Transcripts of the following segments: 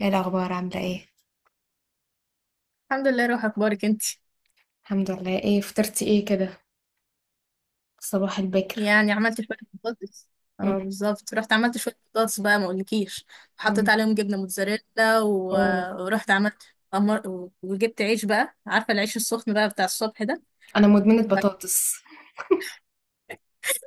ايه الاخبار؟ عامله ايه؟ الحمد لله، روح اخبارك انت. الحمد لله. ايه فطرتي ايه كده؟ صباح البكر. يعني عملت شويه بطاطس. مم. اه بالظبط، رحت عملت شويه بطاطس بقى ما اقولكيش. وحطيت مم. عليهم جبنه موتزاريلا اوه. ورحت عملت وجبت عيش بقى، عارفه العيش السخن بقى بتاع الصبح ده. انا مدمنه بطاطس.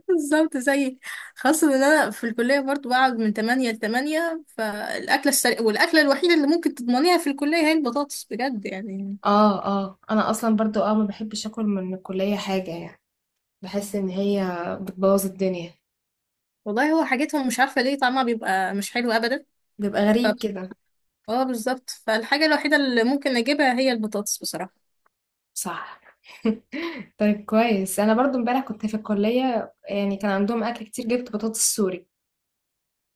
بالظبط زيك. خاصه ان انا في الكليه برضو بقعد من 8 ل 8، فالاكله السريعه والاكله الوحيده اللي ممكن تضمنيها في الكليه هي البطاطس بجد يعني. اه، اه، انا اصلا برضو ما بحبش اكل من الكليه حاجه، يعني بحس ان هي بتبوظ الدنيا. والله هو حاجتهم مش عارفه ليه طعمها بيبقى مش حلو ابدا. بيبقى غريب كده. اه بالظبط، فالحاجة الوحيدة اللي ممكن اجيبها هي البطاطس بصراحة. صح. طيب، كويس. انا برضو امبارح كنت في الكليه، يعني كان عندهم اكل كتير، جبت بطاطس سوري.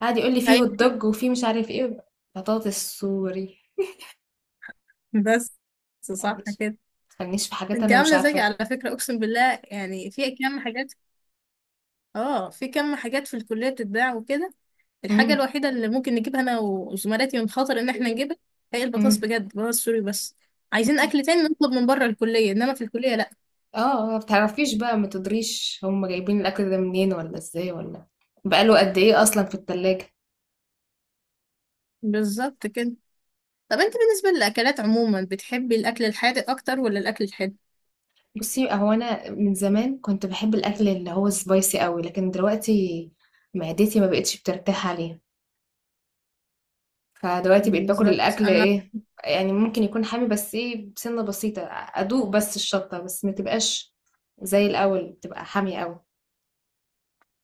قعد يقول لي فيه هوت ايوه. دوج وفيه مش عارف ايه. بطاطس سوري. بس ما صح تخلينيش، كده. ما تخلينيش في حاجات انت انا مش عاملة زيك عارفاها. على فكرة، اقسم بالله، يعني في كم حاجات. اه في كم حاجات في الكلية بتتباع وكده. الحاجة مم. الوحيدة اللي ممكن نجيبها انا وزملاتي من خطر ان احنا نجيبها هي البطاطس بجد، بطاطس سوري بس. عايزين مم. اكل تاني نطلب من بره الكلية، انما في الكلية لا. اه، ما بتعرفيش بقى، ما تدريش هم جايبين الاكل ده منين، ولا ازاي، ولا بقاله قد ايه اصلا في التلاجة. بالظبط كده. طب انت بالنسبة للاكلات عموما بتحبي الاكل الحادق اكتر ولا الاكل الحلو؟ بصي، هو انا من زمان كنت بحب الاكل اللي هو سبايسي قوي، لكن دلوقتي معدتي ما بقتش بترتاح عليه. فدلوقتي بقيت باكل بالظبط الاكل انا. ايه، يعني ممكن يكون حامي، بس ايه، بسنة بسيطة، ادوق بس الشطة، بس ما تبقاش زي الاول بتبقى حامية قوي.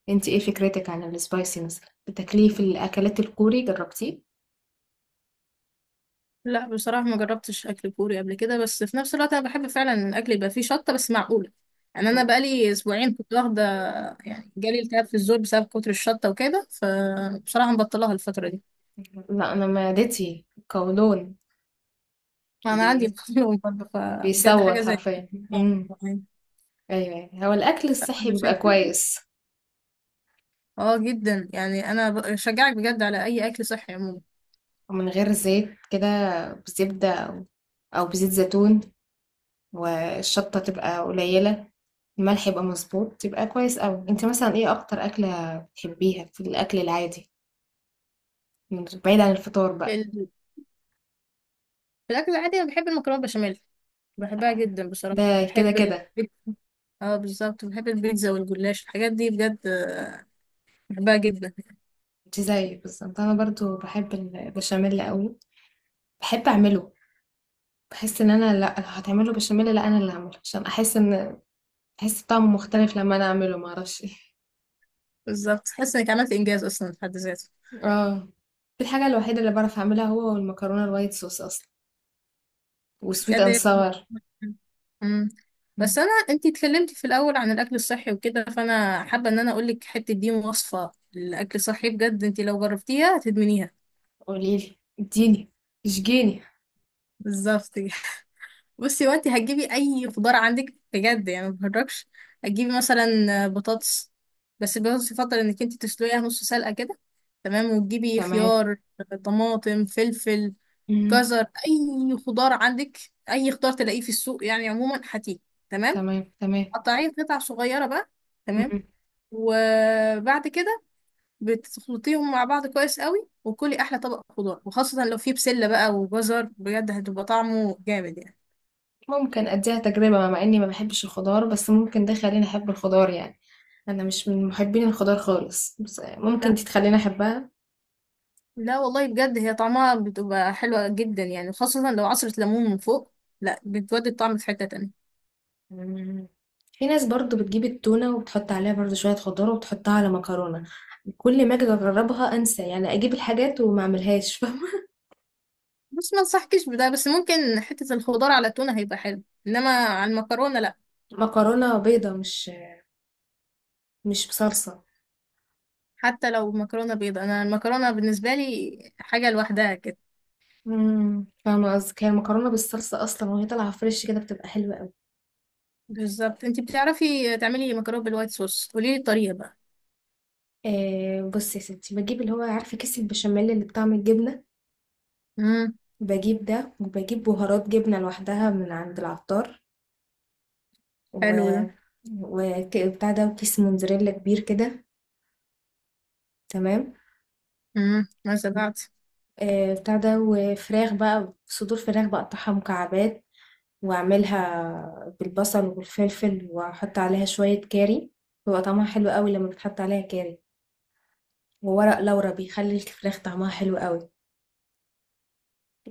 انت ايه فكرتك عن السبايسي؟ مثلا بتاكليه في الاكلات الكوري؟ جربتيه؟ لا بصراحة ما جربتش أكل كوري قبل كده، بس في نفس الوقت أنا بحب فعلا إن الأكل يبقى فيه شطة بس معقولة. يعني أنا مم. بقالي أسبوعين كنت واخدة، يعني جالي التهاب في الزور بسبب كتر الشطة وكده، فبصراحة مبطلها الفترة دي. لا، انا معدتي قولون. ما بي... أنا عندي قولون برضه، فبجد حاجة بيصوت زي كده. حرفيا. آه، يعني ايوه، أيوة. هو الاكل الصحي عشان بيبقى كده. كويس، اه جدا، يعني أنا بشجعك بجد على أي أكل صحي عموما. ومن غير زيت كده، بزبدة او بزيت زيتون، والشطة تبقى قليلة، الملح يبقى مظبوط، تبقى كويس قوي. انت مثلا ايه اكتر اكلة بتحبيها في الاكل العادي، بعيد عن الفطار بقى؟ ال- في الأكل العادي أنا بحب المكرونة بشاميل، بحبها جدا بصراحة. ده كده كده. اه بالظبط، بحب البيتزا والجلاش، الحاجات دي بجد. بحبها جدا. انت زيي بالظبط، انا برضو بحب البشاميل قوي. بحب اعمله. بحس ان انا، لا لو هتعمله بشاميل، لا، انا اللي هعمله عشان احس ان احس طعمه مختلف لما انا اعمله، ما اعرفش ايه. بالظبط، تحس انك عملت انجاز اصلا في حد ذاته. اه، دي الحاجه الوحيده اللي بعرف اعملها هو، والمكرونه الوايت صوص اصلا، وسويت بجد اند هي- ساور. مم. بس مم. انا انتي اتكلمتي في الاول عن الاكل الصحي وكده، فانا حابه ان انا اقول لك حته دي وصفه الاكل الصحي. بجد انتي لو جربتيها هتدمنيها. قوليلي، اديني، اشجيني. بالظبط كده. بصي، وانتي هتجيبي اي خضار عندك بجد يعني، ما بهرجش. هتجيبي مثلا بطاطس، بس البطاطس يفضل انك انتي تسلقيها نص سلقه كده. تمام. وتجيبي تمام. خيار، طماطم، فلفل، مم. جزر، اي خضار عندك، اي خضار تلاقيه في السوق يعني عموما هاتيه. تمام. تمام. تمام. قطعيه قطع صغيره بقى. تمام. مم. وبعد كده بتخلطيهم مع بعض كويس قوي، وكلي احلى طبق خضار. وخاصه لو فيه بسله بقى وجزر، بجد هتبقى طعمه جامد يعني. ممكن اديها تجربه، مع اني ما بحبش الخضار، بس ممكن ده يخليني احب الخضار، يعني انا مش من محبين الخضار خالص، بس ممكن لا، دي تخليني احبها. لا والله بجد هي طعمها بتبقى حلوه جدا يعني، خاصه لو عصره ليمون من فوق. لا، بتودي الطعم في حته تانية. مم. في ناس برضو بتجيب التونه وبتحط عليها برضو شويه خضار وبتحطها على مكرونه. كل ما اجي اجربها انسى، يعني اجيب الحاجات وما اعملهاش. فاهمه؟ بس ما انصحكش بده. بس ممكن حته الخضار على التونه هيبقى حلو، انما على المكرونه لا. مكرونه بيضه، مش بصلصه. حتى لو مكرونة بيضة، انا المكرونة بالنسبة لي حاجة لوحدها كده. فاهمه قصدك. هي المكرونه بالصلصه اصلا وهي طالعه فريش كده بتبقى حلوه قوي. بالظبط. انتي بتعرفي تعملي مكرونة بالوايت صوص، قوليلي الطريقة بقى. آه، بصي يا ستي، بجيب اللي هو عارفه كيس البشاميل اللي بطعم الجبنه، امم، بجيب ده، وبجيب بهارات جبنه لوحدها من عند العطار، حلو و ده. وبتاع ده، وكيس موتزاريلا كبير كده. تمام. ما سمعت. آه، بتاع ده، وفراخ بقى، صدور فراخ بقطعها مكعبات، واعملها بالبصل والفلفل، واحط عليها شوية كاري. بيبقى طعمها حلو قوي لما بتحط عليها كاري. وورق لورا بيخلي الفراخ طعمها حلو قوي.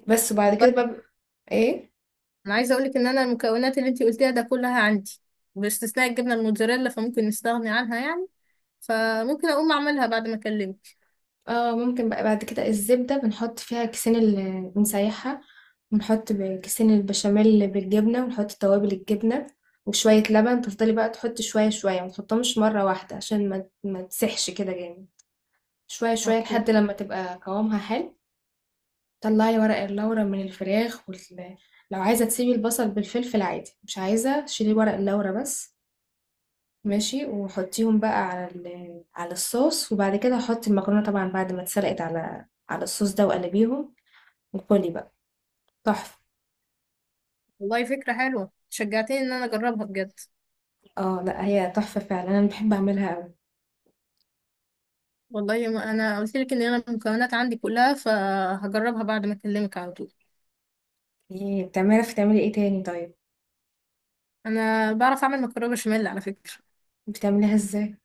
بس. وبعد والله كده بقى. ايه؟ انا عايزة اقولك ان انا المكونات اللي انتي قلتيها ده كلها عندي، باستثناء الجبنة الموتزاريلا، فممكن نستغني عنها يعني. فممكن اقوم اعملها بعد ما اكلمك. اه، ممكن بقى بعد كده الزبدة بنحط فيها كيسين اللي بنسيحها، ونحط كيسين البشاميل بالجبنة، ونحط توابل الجبنة، وشوية لبن. تفضلي بقى تحطي شوية شوية، ما تحطهمش مرة واحدة عشان ما تسحش كده جامد. شوية شوية اوكي. لحد لما تبقى قوامها حلو. طلعي ورق اللورا من الفراخ لو عايزة تسيبي البصل بالفلفل عادي، مش عايزة شيلي ورق اللورا بس. ماشي. وحطيهم بقى على الصوص. وبعد كده حطي المكرونة طبعا، بعد ما اتسلقت، على الصوص ده، وقلبيهم وكلي بقى. تحفة. والله فكرة حلوة، شجعتني ان انا اجربها بجد. اه، لا، هي تحفة فعلا، انا بحب اعملها قوي. والله ما انا قلت لك ان انا المكونات عندي كلها، فهجربها بعد ما اكلمك على طول. ايه بتعرفي تعملي ايه تاني؟ طيب، انا بعرف اعمل مكرونه بشاميل على فكره. بتعمليها ازاي؟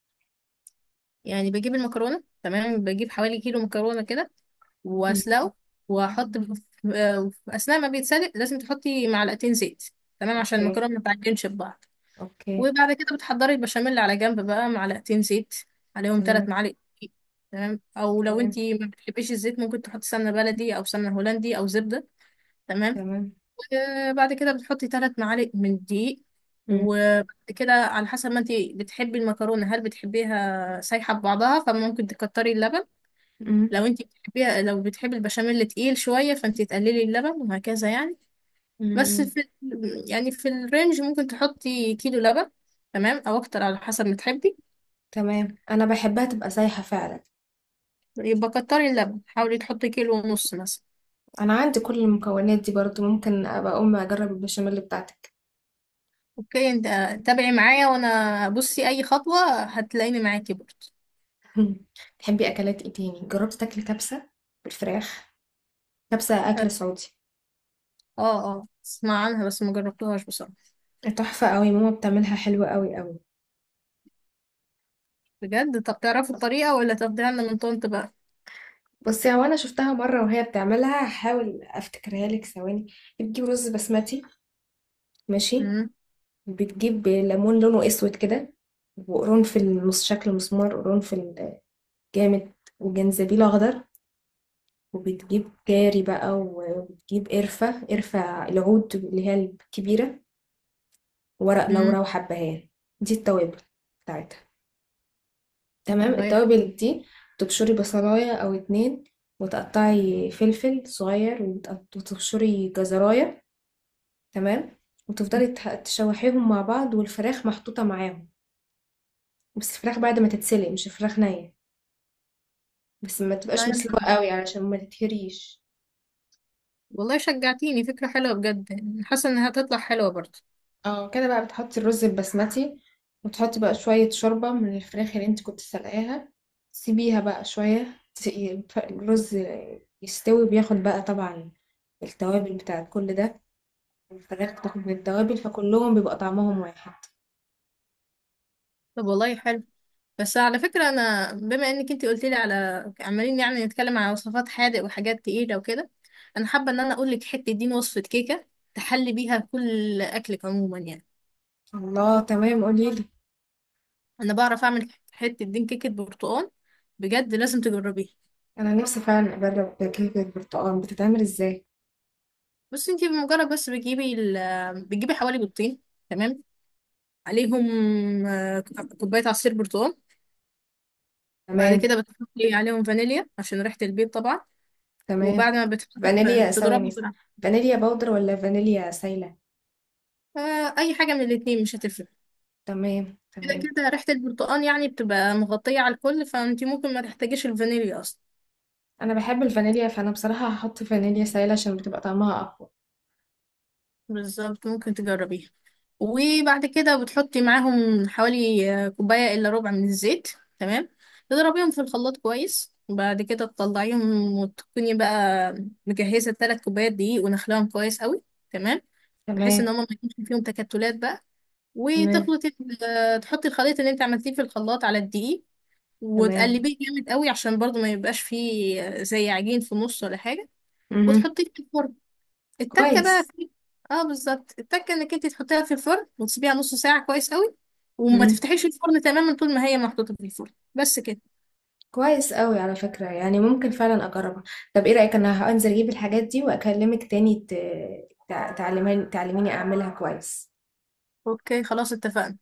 يعني بجيب المكرونه، تمام، بجيب حوالي كيلو مكرونه كده، مم. واسلقه. واحط في آه، في اثناء ما بيتسلق لازم تحطي معلقتين زيت، تمام، عشان اوكي. المكرونه ما تعجنش ببعض. اوكي. وبعد كده بتحضري البشاميل على جنب بقى، معلقتين زيت، عليهم تمام. 3 معالق دقيق، تمام. او لو تمام. انتي ما بتحبيش الزيت، ممكن تحطي سمنه بلدي او سمنه هولندي او زبده. تمام. تمام. بعد كده بتحطي 3 معالق من الدقيق. مم. وبعد كده على حسب ما انت بتحبي المكرونه، هل بتحبيها سايحه ببعضها فممكن تكتري اللبن. مم. لو انت بتحبيها، لو بتحبي البشاميل تقيل شويه، فانت تقللي اللبن وهكذا يعني. بس مم. في يعني في الرينج ممكن تحطي كيلو لبن، تمام، او اكتر على حسب ما تحبي. تمام، انا بحبها تبقى سايحة فعلا. يبقى كتري اللبن، حاولي تحطي كيلو ونص مثلا. انا عندي كل المكونات دي برضو، ممكن ابقى اقوم اجرب البشاميل بتاعتك. اوكي. انت تابعي معايا، وانا بصي اي خطوه هتلاقيني معاكي برضه. تحبي اكلات ايه تاني؟ جربت تاكلي كبسه بالفراخ؟ كبسه اكل سعودي. اه، اسمع عنها بس ما جربتهاش بصراحة. تحفه قوي، ماما بتعملها حلوه قوي قوي. بجد؟ طب تعرفوا الطريقة ولا تاخديها لنا من طنط بقى؟ بصي، هو انا شفتها مره وهي بتعملها، هحاول افتكرها لك. ثواني. بتجيب رز بسمتي، ماشي. امم بتجيب ليمون لونه اسود كده، وقرنفل، شكل مسمار قرنفل جامد، وجنزبيل اخضر. وبتجيب كاري بقى، وبتجيب قرفة، قرفة العود اللي هي الكبيرة، ورق لورا، امم وحبهان. دي التوابل بتاعتها. تمام. والله يح- التوابل دي تبشري بصلاية أو اتنين، وتقطعي فلفل صغير، وتبشري جزراية. تمام. وتفضلي تشوحيهم مع بعض، والفراخ محطوطة معاهم، بس الفراخ بعد ما تتسلق، مش الفراخ نية، بس ما تبقاش والله مسلوقة يح- قوي علشان ما تتهريش. والله شجعتيني، فكرة حلوة بجد يعني، حاسة انها هتطلع حلوة برضه. اه كده بقى، بتحطي الرز البسمتي، وتحطي بقى شوية شوربة من الفراخ اللي انت كنت سلقاها، سيبيها بقى شوية الرز يستوي، بياخد بقى طبعا التوابل بتاعت كل ده، الفراخ بتاخد من التوابل فكلهم بيبقى طعمهم واحد. طب والله حلو. بس على فكرة، انا بما انك انتي قلتي لي على عمالين يعني نتكلم على وصفات حادق وحاجات تقيلة وكده، انا حابة ان انا اقول لك حتة دين وصفة كيكة تحلي بيها كل اكلك عموما يعني. الله، تمام، قوليلي. انا بعرف اعمل حتة دين كيكة برتقال، بجد لازم تجربيها. انا نفسي فعلا اجرب كيكة البرتقال، بتتعمل ازاي؟ بس انتي بمجرد بس بتجيبي بتجيبي حوالي بيضتين، تمام، عليهم آه، كوباية عصير برتقال. بعد تمام. كده بتحطي عليهم فانيليا عشان ريحة البيض طبعا. تمام. وبعد ما بتحطي فانيليا، ثواني. بتضربي بقى، فانيليا باودر ولا فانيليا سايلة؟ أي حاجة من الاتنين مش هتفرق. تمام. كده تمام. كده ريحة البرتقال يعني بتبقى مغطية على الكل، فانتي ممكن ما تحتاجيش الفانيليا أصلا. انا بحب الفانيليا، فانا بصراحة هحط فانيليا سائلة عشان بتبقى طعمها اقوى. بالظبط، ممكن تجربيها. وبعد كده بتحطي معاهم حوالي كوباية إلا ربع من الزيت، تمام. تضربيهم في الخلاط كويس، وبعد كده تطلعيهم، وتكوني بقى مجهزة 3 كوبايات دقيق ونخلاهم كويس قوي، تمام، بحيث ان تمام. هما ما يكونش فيهم تكتلات بقى. تمام. وتخلطي ال- آه، تحطي الخليط اللي انت عملتيه في الخلاط على الدقيق، تمام. وتقلبيه جامد قوي، عشان برضو ما يبقاش فيه زي عجين في النص ولا حاجة. امم وتحطيه في الفرن. التكه بقى كويس. في اه بالظبط، التكه انك انت تحطيها في الفرن وتسيبيها نص ساعه كويس قوي. وما امم تفتحيش الفرن تماما طول ما هي محطوطه في الفرن، بس كده. كويس قوي على فكرة، يعني ممكن فعلا اجربها. طب ايه رأيك انا هنزل اجيب الحاجات دي واكلمك تاني، ت... تع- تعلمين تعلميني اعملها كويس. اوكي، خلاص اتفقنا.